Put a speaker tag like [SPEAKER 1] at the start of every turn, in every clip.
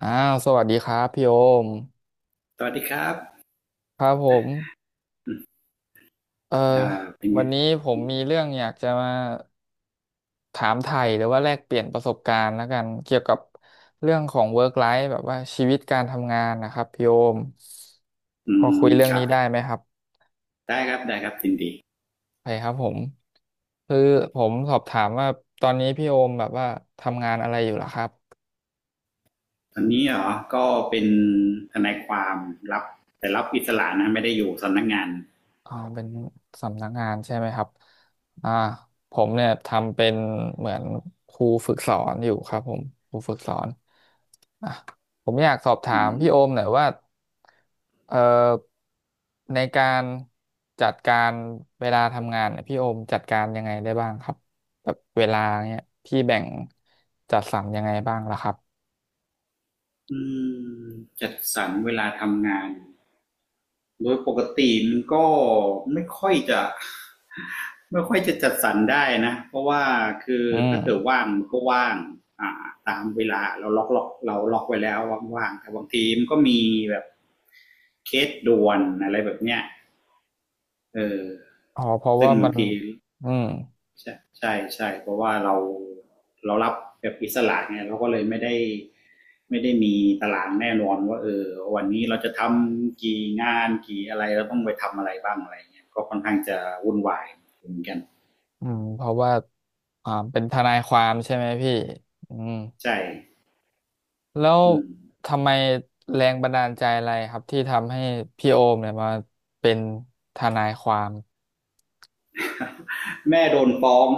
[SPEAKER 1] อ้าวสวัสดีครับพี่โอม
[SPEAKER 2] สวัสดีครับ
[SPEAKER 1] ครับผม
[SPEAKER 2] อ
[SPEAKER 1] เอ่อ
[SPEAKER 2] เป็น
[SPEAKER 1] วั
[SPEAKER 2] ไง
[SPEAKER 1] นนี้ผมมีเรื่องอยากจะมาถามไถ่หรือว่าแลกเปลี่ยนประสบการณ์แล้วกันเกี่ยวกับเรื่องของ work life แบบว่าชีวิตการทำงานนะครับพี่โอม
[SPEAKER 2] อื
[SPEAKER 1] พอคุย
[SPEAKER 2] ม
[SPEAKER 1] เรื่อง
[SPEAKER 2] ครั
[SPEAKER 1] นี้
[SPEAKER 2] บ
[SPEAKER 1] ได้ไหมครับ
[SPEAKER 2] ได้ครับ ได้ครับยินดี
[SPEAKER 1] ไปครับผมคือผมสอบถามว่าตอนนี้พี่โอมแบบว่าทำงานอะไรอยู่เหรอครับ
[SPEAKER 2] ตอนนี้เหรอก็เป็นทนายความรับ แต่รับอิสระนะไม่ได้อยู่สำนักงาน
[SPEAKER 1] อ๋อเป็นสำนักงานใช่ไหมครับอ่าผมเนี่ยทำเป็นเหมือนครูฝึกสอนอยู่ครับผมครูฝึกสอนอ่ะผมอยากสอบถา
[SPEAKER 2] อื
[SPEAKER 1] มพี่
[SPEAKER 2] ม
[SPEAKER 1] โอมหน่อยว่าเอ่อในการจัดการเวลาทำงานเนี่ยพี่โอมจัดการยังไงได้บ้างครับแบบเวลาเนี่ยพี่แบ่งจัดสรรยังไงบ้างล่ะครับ
[SPEAKER 2] อืมจัดสรรเวลาทำงาน โดยปกติมันก็ไม่ค่อยจะ ไม่ค่อยจะจัดสรรได้นะเพราะว่าคือ
[SPEAKER 1] อื
[SPEAKER 2] ถ้าเกิด
[SPEAKER 1] ม
[SPEAKER 2] ว่างมันก็ว่างอ่าตามเวลาเราล็อกล็อกเราล็อกไว้แล้วว่างๆแต่บางทีมันก็มีแบบเคสด่วนอะไรแบบเนี้ยเออ
[SPEAKER 1] อ๋อเพราะ
[SPEAKER 2] ซึ่
[SPEAKER 1] ว่า
[SPEAKER 2] งบา
[SPEAKER 1] มั
[SPEAKER 2] ง
[SPEAKER 1] น
[SPEAKER 2] ที
[SPEAKER 1] อืม
[SPEAKER 2] ใช่ใช่ใช่เพราะว่าเรารับแบบอิสระไงเราก็เลยไม่ได้มีตารางแน่นอนว่าเออวันนี้เราจะทำกี่งานกี่อะไรเราต้องไปทำอะไรบ้างอะไรเงี้ยก็ค่อนข้างจะวุ่นวายเหมือนกัน
[SPEAKER 1] อืมเพราะว่าอ่าเป็นทนายความใช่ไหมพี่อืม
[SPEAKER 2] ใช่
[SPEAKER 1] แล้ว
[SPEAKER 2] อืม
[SPEAKER 1] ทำไมแรงบันดาลใจอะไรครับที่ทำให้พี่โอมเนี่ยมาเป็นทนายความ
[SPEAKER 2] แม่โดนฟ้อง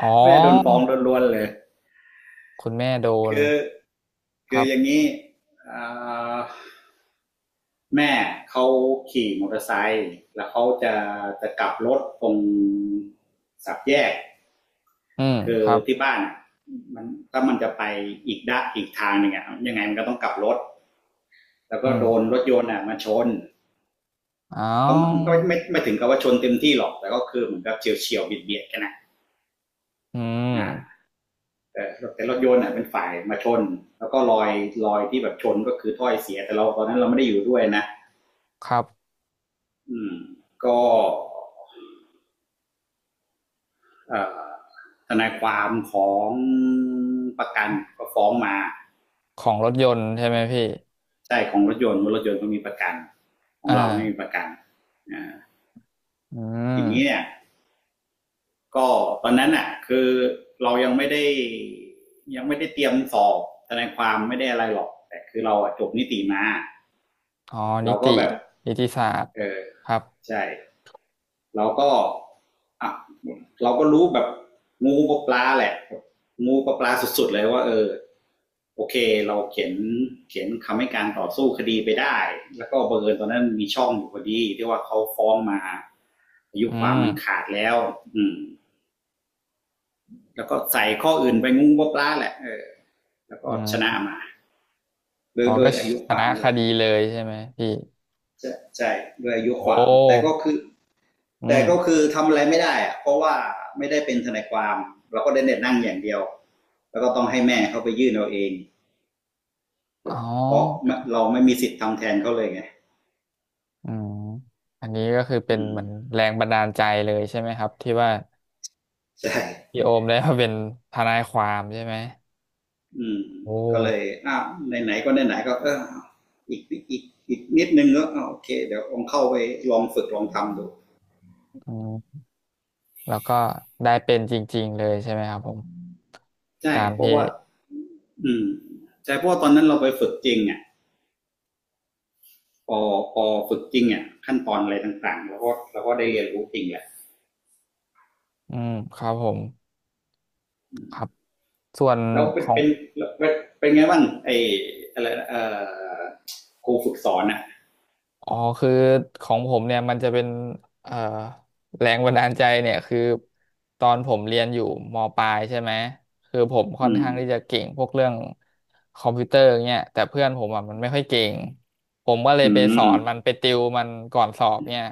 [SPEAKER 1] อ๋อ
[SPEAKER 2] แม่โดนฟ้องล้วนๆเลย
[SPEAKER 1] คุณแม่โดน
[SPEAKER 2] คือ
[SPEAKER 1] ค
[SPEAKER 2] คือ
[SPEAKER 1] รับ
[SPEAKER 2] อย่างนี้อ่าแม่เขาขี่มอเตอร์ไซค์แล้วเขาจะกลับรถตรงสับแยก
[SPEAKER 1] อืม
[SPEAKER 2] คือ
[SPEAKER 1] ครับ
[SPEAKER 2] ที่บ้านมันถ้ามันจะไปอีกด้านอีกทางหนึ่งอะยังไงมันก็ต้องกลับรถแล้ว
[SPEAKER 1] อื
[SPEAKER 2] ก็โด
[SPEAKER 1] ม
[SPEAKER 2] นรถยนต์อะมาชน
[SPEAKER 1] อ้า
[SPEAKER 2] เขา
[SPEAKER 1] ว
[SPEAKER 2] ก็ไม่ถึงกับว่าชนเต็มที่หรอกแต่ก็คือเหมือนกับเฉียวเฉียวเบียดเบียดกันนะ
[SPEAKER 1] อืม
[SPEAKER 2] อ่าแต่แต่รถยนต์อะเป็นฝ่ายมาชนแล้วก็รอยที่แบบชนก็คือถ้อยเสียแต่เราตอนนั้นเราไม่ได้อยู่ด้วยนะ
[SPEAKER 1] ครับ
[SPEAKER 2] อืมก็เอ่อทนายความของประกันก็ฟ้องมา
[SPEAKER 1] ของรถยนต์ใช่ไหมพี่
[SPEAKER 2] ใช่ของรถยนต์รถยนต์ก็มีประกันขอ
[SPEAKER 1] อ่
[SPEAKER 2] งเราไม่มีป
[SPEAKER 1] า
[SPEAKER 2] ระกันอ่า
[SPEAKER 1] อื
[SPEAKER 2] ทีนี้เนี่
[SPEAKER 1] ม
[SPEAKER 2] ยก็ตอนนั้นอ่ะคือเรายังไม่ได้เตรียมสอบทนายความไม่ได้อะไรหรอกแต่คือเราจบนิติมา
[SPEAKER 1] อ๋อนิ
[SPEAKER 2] เราก็
[SPEAKER 1] ติ
[SPEAKER 2] แบบ
[SPEAKER 1] นิติศาสตร์
[SPEAKER 2] เออ
[SPEAKER 1] ครับ
[SPEAKER 2] ใช่เราก็อ่ะเราก็รู้แบบงูกับปลาแหละงูกับปลาสุดๆเลยว่าเออโอเคเราเขียนคำให้การต่อสู้คดีไปได้แล้วก็บังเอิญตอนนั้นมีช่องอยู่พอดีที่ว่าเขาฟ้องมาอายุ
[SPEAKER 1] อื
[SPEAKER 2] ความ
[SPEAKER 1] ม
[SPEAKER 2] มันขาดแล้วอืม แล้วก็ใส่ข้ออื่นไปงุ้งบกล้าแหละเออแล้วก็
[SPEAKER 1] อื
[SPEAKER 2] ชนะ
[SPEAKER 1] ม
[SPEAKER 2] มา
[SPEAKER 1] อ๋อ
[SPEAKER 2] โด้
[SPEAKER 1] ก็
[SPEAKER 2] วยอายุ
[SPEAKER 1] ช
[SPEAKER 2] ควา
[SPEAKER 1] นะ
[SPEAKER 2] มนั่น
[SPEAKER 1] ค
[SPEAKER 2] แหละ
[SPEAKER 1] ดีเลยใช่ไหมพี่
[SPEAKER 2] ใช่โด้วยอายุ
[SPEAKER 1] โอ
[SPEAKER 2] ความแต่
[SPEAKER 1] ้อื
[SPEAKER 2] แต่
[SPEAKER 1] ม
[SPEAKER 2] ก็คือทำอะไรไม่ได้อะเพราะว่าไม่ได้เป็นทนายความเราก็ได้เน็ตนั่งอย่างเดียวแล้วก็ต้องให้แม่เขาไปยื่นเอาเอง
[SPEAKER 1] อ๋อ
[SPEAKER 2] เพราะเราไม่มีสิทธิ์ทำแทนเขาเลยไง
[SPEAKER 1] อืมอันนี้ก็คือเป็น
[SPEAKER 2] อื
[SPEAKER 1] เห
[SPEAKER 2] ม
[SPEAKER 1] มือนแรงบันดาลใจเลยใช่ไหมครับที่ว่า
[SPEAKER 2] ใช
[SPEAKER 1] พี่
[SPEAKER 2] ่
[SPEAKER 1] โอมได้มาเป็นทนายความใช่ไหม
[SPEAKER 2] อืม
[SPEAKER 1] โอ
[SPEAKER 2] ก็เลย
[SPEAKER 1] ้
[SPEAKER 2] อ้าวไหนๆก็ไหนๆก็เอออีกอีกอีกนิดนึงก็่โอเคเดี๋ยวลองเข้าไปลองฝึกลองทำดู
[SPEAKER 1] อืมแล้วก็ได้เป็นจริงๆเลยใช่ไหมครับผม
[SPEAKER 2] ใช่
[SPEAKER 1] ตาม
[SPEAKER 2] เพราะ
[SPEAKER 1] ที่
[SPEAKER 2] ว่า อืมใช่เพราะว่าตอนนั้นเราไปฝึกจริงอ่ะพอพอฝึกจริงอ่ะขั้นตอนอะไรต่างๆเราก็ได้เรียนรู้จริงแหละ
[SPEAKER 1] อืมครับผมครับส่วน
[SPEAKER 2] แล้วเป็
[SPEAKER 1] ข
[SPEAKER 2] น
[SPEAKER 1] อง
[SPEAKER 2] เป็นไงบ้างไออะไรอครูฝึกสอนอ่ะ
[SPEAKER 1] อ๋อคือของผมเนี่ยมันจะเป็นเอ่อแรงบันดาลใจเนี่ยคือตอนผมเรียนอยู่มปลายใช่ไหมคือผมค่อน
[SPEAKER 2] อืม
[SPEAKER 1] ข้างที่จะเก่งพวกเรื่องคอมพิวเตอร์เนี่ยแต่เพื่อนผมอ่ะมันไม่ค่อยเก่งผมก็เลย
[SPEAKER 2] อื
[SPEAKER 1] ไปสอ
[SPEAKER 2] ม
[SPEAKER 1] นมันไปติวมันก่อนสอบเนี่ย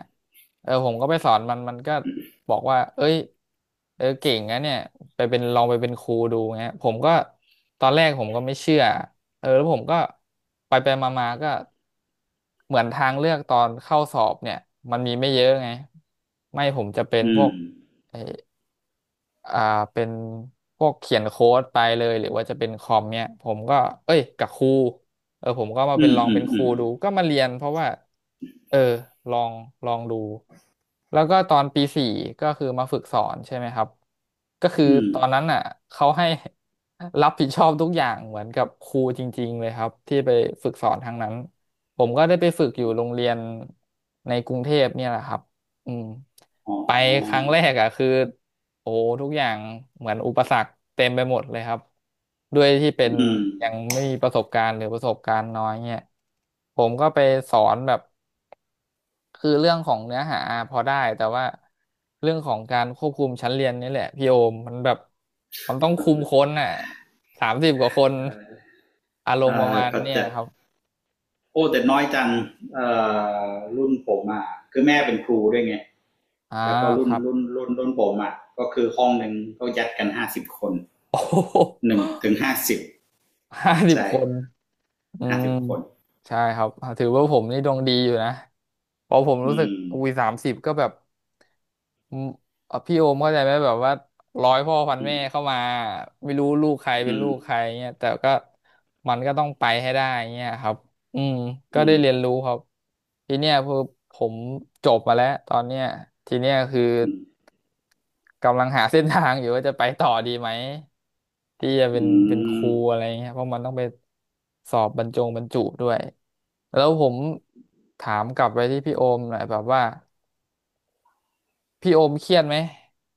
[SPEAKER 1] เออผมก็ไปสอนมันมันก็บอกว่าเอ้ยเออเก่งนะเนี่ยไปเป็นลองไปเป็นครูดูเงี้ยผมก็ตอนแรกผมก็ไม่เชื่อเออแล้วผมก็ไปไปมามาๆก็ เหมือนทางเลือกตอนเข้าสอบเนี่ยมันมีไม่เยอะไงไม่ผมจะเป็น
[SPEAKER 2] อื
[SPEAKER 1] พวก
[SPEAKER 2] ม
[SPEAKER 1] ไอ้ อ่าเป็นพวกเขียนโค้ดไปเลยหรือว่าจะเป็นคอมเนี่ยผมก็เอ้ยกับครูเออผมก็มาเป็
[SPEAKER 2] อื
[SPEAKER 1] น
[SPEAKER 2] ม
[SPEAKER 1] ลอง
[SPEAKER 2] อื
[SPEAKER 1] เป็
[SPEAKER 2] ม
[SPEAKER 1] นค
[SPEAKER 2] อื
[SPEAKER 1] รู
[SPEAKER 2] ม
[SPEAKER 1] ดูก็มาเรียนเพราะว่าเออลองลองดูแล้วก็ตอนปี 4ก็คือมาฝึกสอนใช่ไหมครับก็คือ
[SPEAKER 2] อืม
[SPEAKER 1] ตอนนั้นอ่ะเขาให้รับผิดชอบทุกอย่างเหมือนกับครูจริงๆเลยครับที่ไปฝึกสอนทางนั้นผมก็ได้ไปฝึกอยู่โรงเรียนในกรุงเทพเนี่ยแหละครับอืม
[SPEAKER 2] อ๋
[SPEAKER 1] ไปครั้ง
[SPEAKER 2] อ
[SPEAKER 1] แรกอ่ะคือ โอ้ทุกอย่างเหมือนอุปสรรคเต็มไปหมดเลยครับด้วยที่เป็น
[SPEAKER 2] อืม
[SPEAKER 1] ยังไม่มีประสบการณ์หรือประสบการณ์น้อยเนี่ยผมก็ไปสอนแบบคือเรื่องของเนื้อหาพอได้แต่ว่าเรื่องของการควบคุมชั้นเรียนนี่แหละพี่โอมมันแบบมันต้องคุมคนน่ะสามสิบกว่าคนอารม
[SPEAKER 2] อ่า
[SPEAKER 1] ณ์ประมาณ
[SPEAKER 2] ก็
[SPEAKER 1] เนี่ย
[SPEAKER 2] จะ
[SPEAKER 1] ครับ
[SPEAKER 2] โอ้แต่น้อยจังเอ่รุ่นผมอ่ะคือแม่เป็นครูด้วยไง
[SPEAKER 1] อ่า
[SPEAKER 2] แล้วก็
[SPEAKER 1] ครับ
[SPEAKER 2] รุ่นผมอ่ะก็คือห้องหนึ่งก็ยัดกันห้าสิบคน
[SPEAKER 1] โอ้
[SPEAKER 2] 1 ถึง 50
[SPEAKER 1] 50
[SPEAKER 2] ใช่
[SPEAKER 1] คน อื
[SPEAKER 2] ห้า
[SPEAKER 1] ม
[SPEAKER 2] สิบคน
[SPEAKER 1] ใช่ครับถือว่าผมนี่ดวงดีอยู่นะเพราะผมรู้
[SPEAKER 2] อื
[SPEAKER 1] สึก
[SPEAKER 2] ม
[SPEAKER 1] อุ้ยสามสิบก็แบบอืมพี่โอมเข้าใจไหมแบบว่าร้อยพ่อพัน
[SPEAKER 2] อื
[SPEAKER 1] แม่
[SPEAKER 2] ม
[SPEAKER 1] เข้ามาไม่รู้ลูกใครเป็
[SPEAKER 2] อื
[SPEAKER 1] นลู
[SPEAKER 2] ม
[SPEAKER 1] กใครเงี้ยแต่ก็มันก็ต้องไปให้ได้เงี้ยครับอืมก็
[SPEAKER 2] อื
[SPEAKER 1] ได้
[SPEAKER 2] ม
[SPEAKER 1] เรียนรู้ครับทีเนี้ยคือผมจบมาแล้วตอนเนี้ยทีเนี้ยคือ
[SPEAKER 2] อืม
[SPEAKER 1] กำลังหาเส้นทางอยู่ว่าจะไปต่อดีไหม ที่จะเป็น
[SPEAKER 2] อื
[SPEAKER 1] ค
[SPEAKER 2] ม
[SPEAKER 1] รูอะไรเงี้ยเพราะมันต้องไปสอบบรรจงบรรจุด้วยแล้วผมถามกลับไปที่พี่โอมหน่อยแบบว่าพี่โอมเครียดไหม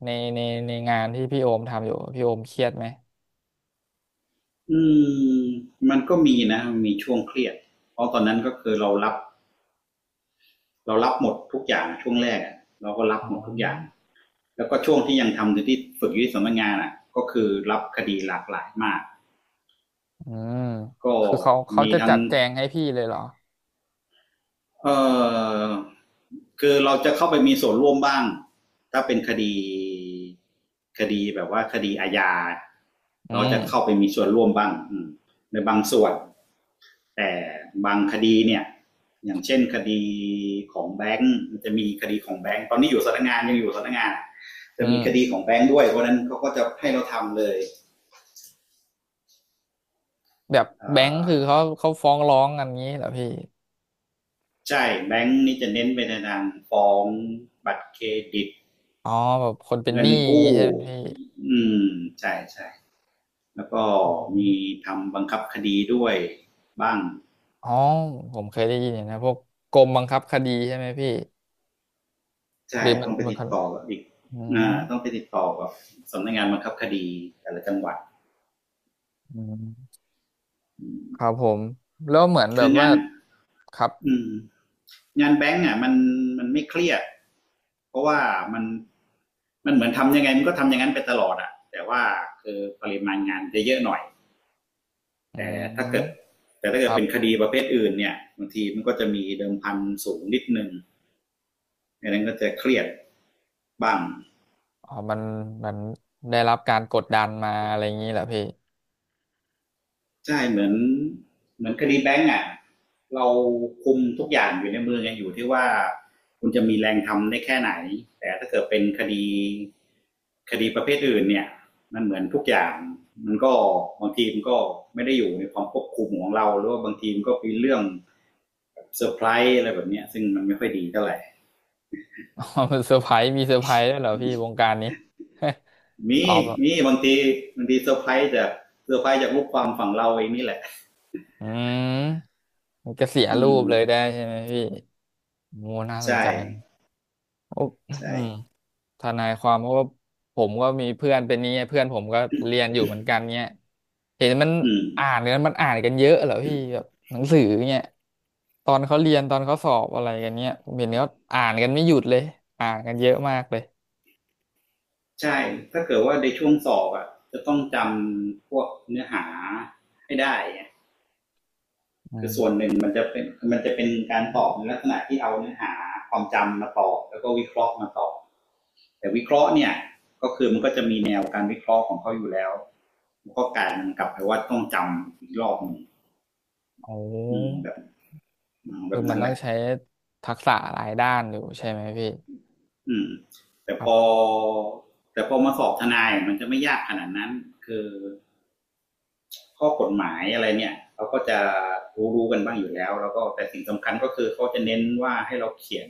[SPEAKER 1] ในในในงานที่พี่โอมทำอยู่พี่โอมเครียดไหม
[SPEAKER 2] อืมมันก็มีนะมนมีช่วงเครียดเพราะตอนนั้นก็คือเรารับหมดทุกอย่างอะช่วงแรกอะเราก็รับ
[SPEAKER 1] อ๋อ
[SPEAKER 2] หมดทุกอย่างแล้วก็ช่วงที่ยังทำอยู่ที่ฝึกอยู่ที่สำนักงานอ่ะก็คือรับคดีหลากหลายมาก
[SPEAKER 1] อืม
[SPEAKER 2] ก็
[SPEAKER 1] คือเขาเขา
[SPEAKER 2] มี
[SPEAKER 1] จะ
[SPEAKER 2] ทั้
[SPEAKER 1] จั
[SPEAKER 2] ง
[SPEAKER 1] ดแจงให้พี่เลยเหรอ
[SPEAKER 2] เอ่อคือเราจะเข้าไปมีส่วนร่วมบ้างถ้าเป็นคดีแบบว่าคดีอาญา
[SPEAKER 1] อื
[SPEAKER 2] เราจะเข้า
[SPEAKER 1] ม
[SPEAKER 2] ไปมีส่วนร่วมบ้างในบางส่วนแต่บางคดีเนี่ยอย่างเช่นคดีของแบงค์จะมีคดีของแบงค์ตอนนี้อยู่สำนักงานยังอยู่สำนักงานจะ
[SPEAKER 1] อื
[SPEAKER 2] มีคดีข
[SPEAKER 1] ม
[SPEAKER 2] องแบงค์ด้วยเพราะนั้นเขาก็จะให้เราทำเลย
[SPEAKER 1] แบบ
[SPEAKER 2] อ่
[SPEAKER 1] แบงค์คือ
[SPEAKER 2] อ
[SPEAKER 1] เขาเขาฟ้องร้องกันงี้เหรอพี่
[SPEAKER 2] ใช่แบงค์นี่จะเน้นไปในทางฟ้องบัตรเครดิต
[SPEAKER 1] อ๋อแบบคนเป็นห
[SPEAKER 2] เงิน
[SPEAKER 1] นี้
[SPEAKER 2] กู้
[SPEAKER 1] งี้ใช่ไหมพี่
[SPEAKER 2] อืมใช่ใช่แล้วก็
[SPEAKER 1] อื
[SPEAKER 2] มี
[SPEAKER 1] ม
[SPEAKER 2] ทำบังคับคดีด้วยบ้าง
[SPEAKER 1] อ๋อผมเคยได้ยินอย่างนะพวกกรมบังคับคดีใช่ไหมพี่ ห
[SPEAKER 2] ใช่
[SPEAKER 1] รือมัน
[SPEAKER 2] ต้องไป
[SPEAKER 1] มัน
[SPEAKER 2] ติ
[SPEAKER 1] ค
[SPEAKER 2] ด
[SPEAKER 1] น
[SPEAKER 2] ต่อกับอีก
[SPEAKER 1] อืม
[SPEAKER 2] อ่าต้องไปติดต่อกับสำนักงานบังคับคดีแต่ละจังหวัด
[SPEAKER 1] อืมครับผม แล้วเหมือนแบ
[SPEAKER 2] คือ
[SPEAKER 1] บ
[SPEAKER 2] งา
[SPEAKER 1] ว่า
[SPEAKER 2] น
[SPEAKER 1] ครับ
[SPEAKER 2] อืมงานแบงก์อ่ะมันไม่เครียดเพราะว่ามันมันเหมือนทำยังไงมันก็ทำอย่างนั้นไปตลอดอ่ะแต่ว่าคือปริมาณงานจะเยอะหน่อย
[SPEAKER 1] อื
[SPEAKER 2] แต่ถ้าเกิด
[SPEAKER 1] ม
[SPEAKER 2] แต่ถ้า
[SPEAKER 1] ค
[SPEAKER 2] เกิด
[SPEAKER 1] รับ
[SPEAKER 2] เป็นคดีประเภทอื่นเนี่ยบางทีมันก็จะมีเดิมพันสูงนิดนึง ไม่นั้นก็จะเครียดบ้าง
[SPEAKER 1] อ๋อมันมันได้รับการกดดันมาอะไรอย่างนี้เหรอพี่
[SPEAKER 2] ใช่เหมือนคดีแบงก์อ่ะเราคุมทุกอย่างอยู่ในมือไงอยู่ที่ว่าคุณจะมีแรงทำได้แค่ไหนแต่ถ้าเกิดเป็นคดีประเภทอื่นเนี่ยมันเหมือนทุกอย่างมันก็บางทีมันก็ไม่ได้อยู่ในความควบคุมของเราหรือว่าบางทีมันก็เป็นเรื่องเซอร์ไพรส์อะไรแบบเนี้ซึ่งมันไม่ค่อยดีเท่าไหร่
[SPEAKER 1] อ๋อมันเซอร์ไพรส์มีเซอร์ไพรส์ด้วยเหรอพี่วงการนี้
[SPEAKER 2] มี
[SPEAKER 1] อ๋อแบบ
[SPEAKER 2] มีบางทีบางทีเซอร์ไพรส์จากเซอร์ไพรส์จากลูกความฝั่งเราเองนี่แหละ
[SPEAKER 1] อืมมันก็เสีย
[SPEAKER 2] อื
[SPEAKER 1] รู
[SPEAKER 2] ม
[SPEAKER 1] ปเลยได้ใช่ไหมพี่โมน่าสน
[SPEAKER 2] ใช่
[SPEAKER 1] ใจโอ้อื
[SPEAKER 2] ใช่
[SPEAKER 1] ม ทนายความเพราะว่าผมก็มีเพื่อนเป็นนี้ไงเพื่อนผมก็เรียนอยู่เหมือนกันเนี้ยเห็นมัน
[SPEAKER 2] อื
[SPEAKER 1] อ่า
[SPEAKER 2] ม
[SPEAKER 1] นกันมันอ่านกันเยอะเหรอพี่แบบหนังสือเนี้ยตอนเขาเรียนตอนเขาสอบอะไรกันเนี้ยผมเห็นเขาอ่านกันไม่หยุดเลยอ่านกันเยอะมากเลย
[SPEAKER 2] ใช่ถ้าเกิดว่าในช่วงสอบอ่ะจะต้องจำพวกเนื้อหาให้ได้
[SPEAKER 1] อื
[SPEAKER 2] คือส่วน
[SPEAKER 1] ม
[SPEAKER 2] หนึ่งมันจะเป็นการตอบในลักษณะที่เอาเนื้อหาความจำมาตอบแล้วก็วิเคราะห์มาตอบแต่วิเคราะห์เนี่ยก็คือมันก็จะมีแนวการวิเคราะห์ของเขาอยู่แล้วมันก็กลายมักลับไปว่าต้องจำอีกรอบหนึ่ง
[SPEAKER 1] โอ้
[SPEAKER 2] อืมแบ
[SPEAKER 1] คือ
[SPEAKER 2] บ
[SPEAKER 1] มัน
[SPEAKER 2] นั้น
[SPEAKER 1] ต้
[SPEAKER 2] แห
[SPEAKER 1] อง
[SPEAKER 2] ละ
[SPEAKER 1] ใช้ทักษะหลายด้านอยู่ใช่ไหมพี่
[SPEAKER 2] อืมแต่
[SPEAKER 1] ค
[SPEAKER 2] พ
[SPEAKER 1] รั
[SPEAKER 2] อ
[SPEAKER 1] บ
[SPEAKER 2] แต่พอมาสอบทนายมันจะไม่ยากขนาดนั้นคือ ข้อกฎหมายอะไรเนี่ยเขาก็จะรู้ๆกันบ้างอยู่แล้วแล้วก็แต่สิ่งสำคัญก็คือเขาจะเน้นว่าให้เรา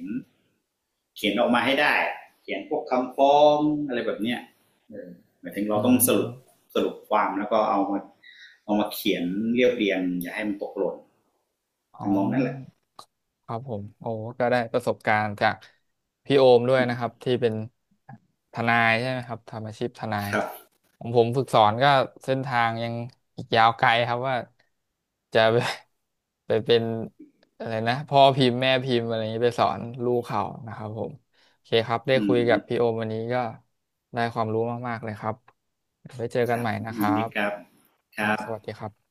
[SPEAKER 2] เขียนออกมาให้ได้เขียนพวกคำฟ้องอะไรแบบเนี้ยเหมายถึง
[SPEAKER 1] อื
[SPEAKER 2] เราต้องสรุป
[SPEAKER 1] ม
[SPEAKER 2] ความแล้วก็เอามาเขียนเรียบเรียงอย่าให้มันตกหล่น
[SPEAKER 1] อ๋อ
[SPEAKER 2] ทำนองนั้นแหละ
[SPEAKER 1] ครับผมโอ้ก็ได้ประสบการณ์จากพี่โอมด้วยนะครับที่เป็นทนายใช่ไหมครับทำอาชีพทนาย
[SPEAKER 2] ครับ
[SPEAKER 1] ของผมฝึกสอนก็เส้นทางยังอีกยาวไกลครับว่าจะไป ไปเป็นอะไรนะพ่อพิมพ์แม่พิมพ์อะไรอย่างนี้ไปสอนลูกเขานะครับผมโอเคครับได้
[SPEAKER 2] อื
[SPEAKER 1] คุย
[SPEAKER 2] ม
[SPEAKER 1] กับพี่โอมวันนี้ก็ได้ความรู้มากๆเลยครับเดี๋ยวไว้เจอ
[SPEAKER 2] ค
[SPEAKER 1] กัน
[SPEAKER 2] รั
[SPEAKER 1] ให
[SPEAKER 2] บ
[SPEAKER 1] ม่นะค
[SPEAKER 2] ยิ
[SPEAKER 1] รั
[SPEAKER 2] นดี
[SPEAKER 1] บ
[SPEAKER 2] ครับค
[SPEAKER 1] ครั
[SPEAKER 2] รั
[SPEAKER 1] บส
[SPEAKER 2] บ
[SPEAKER 1] วัสดีครับ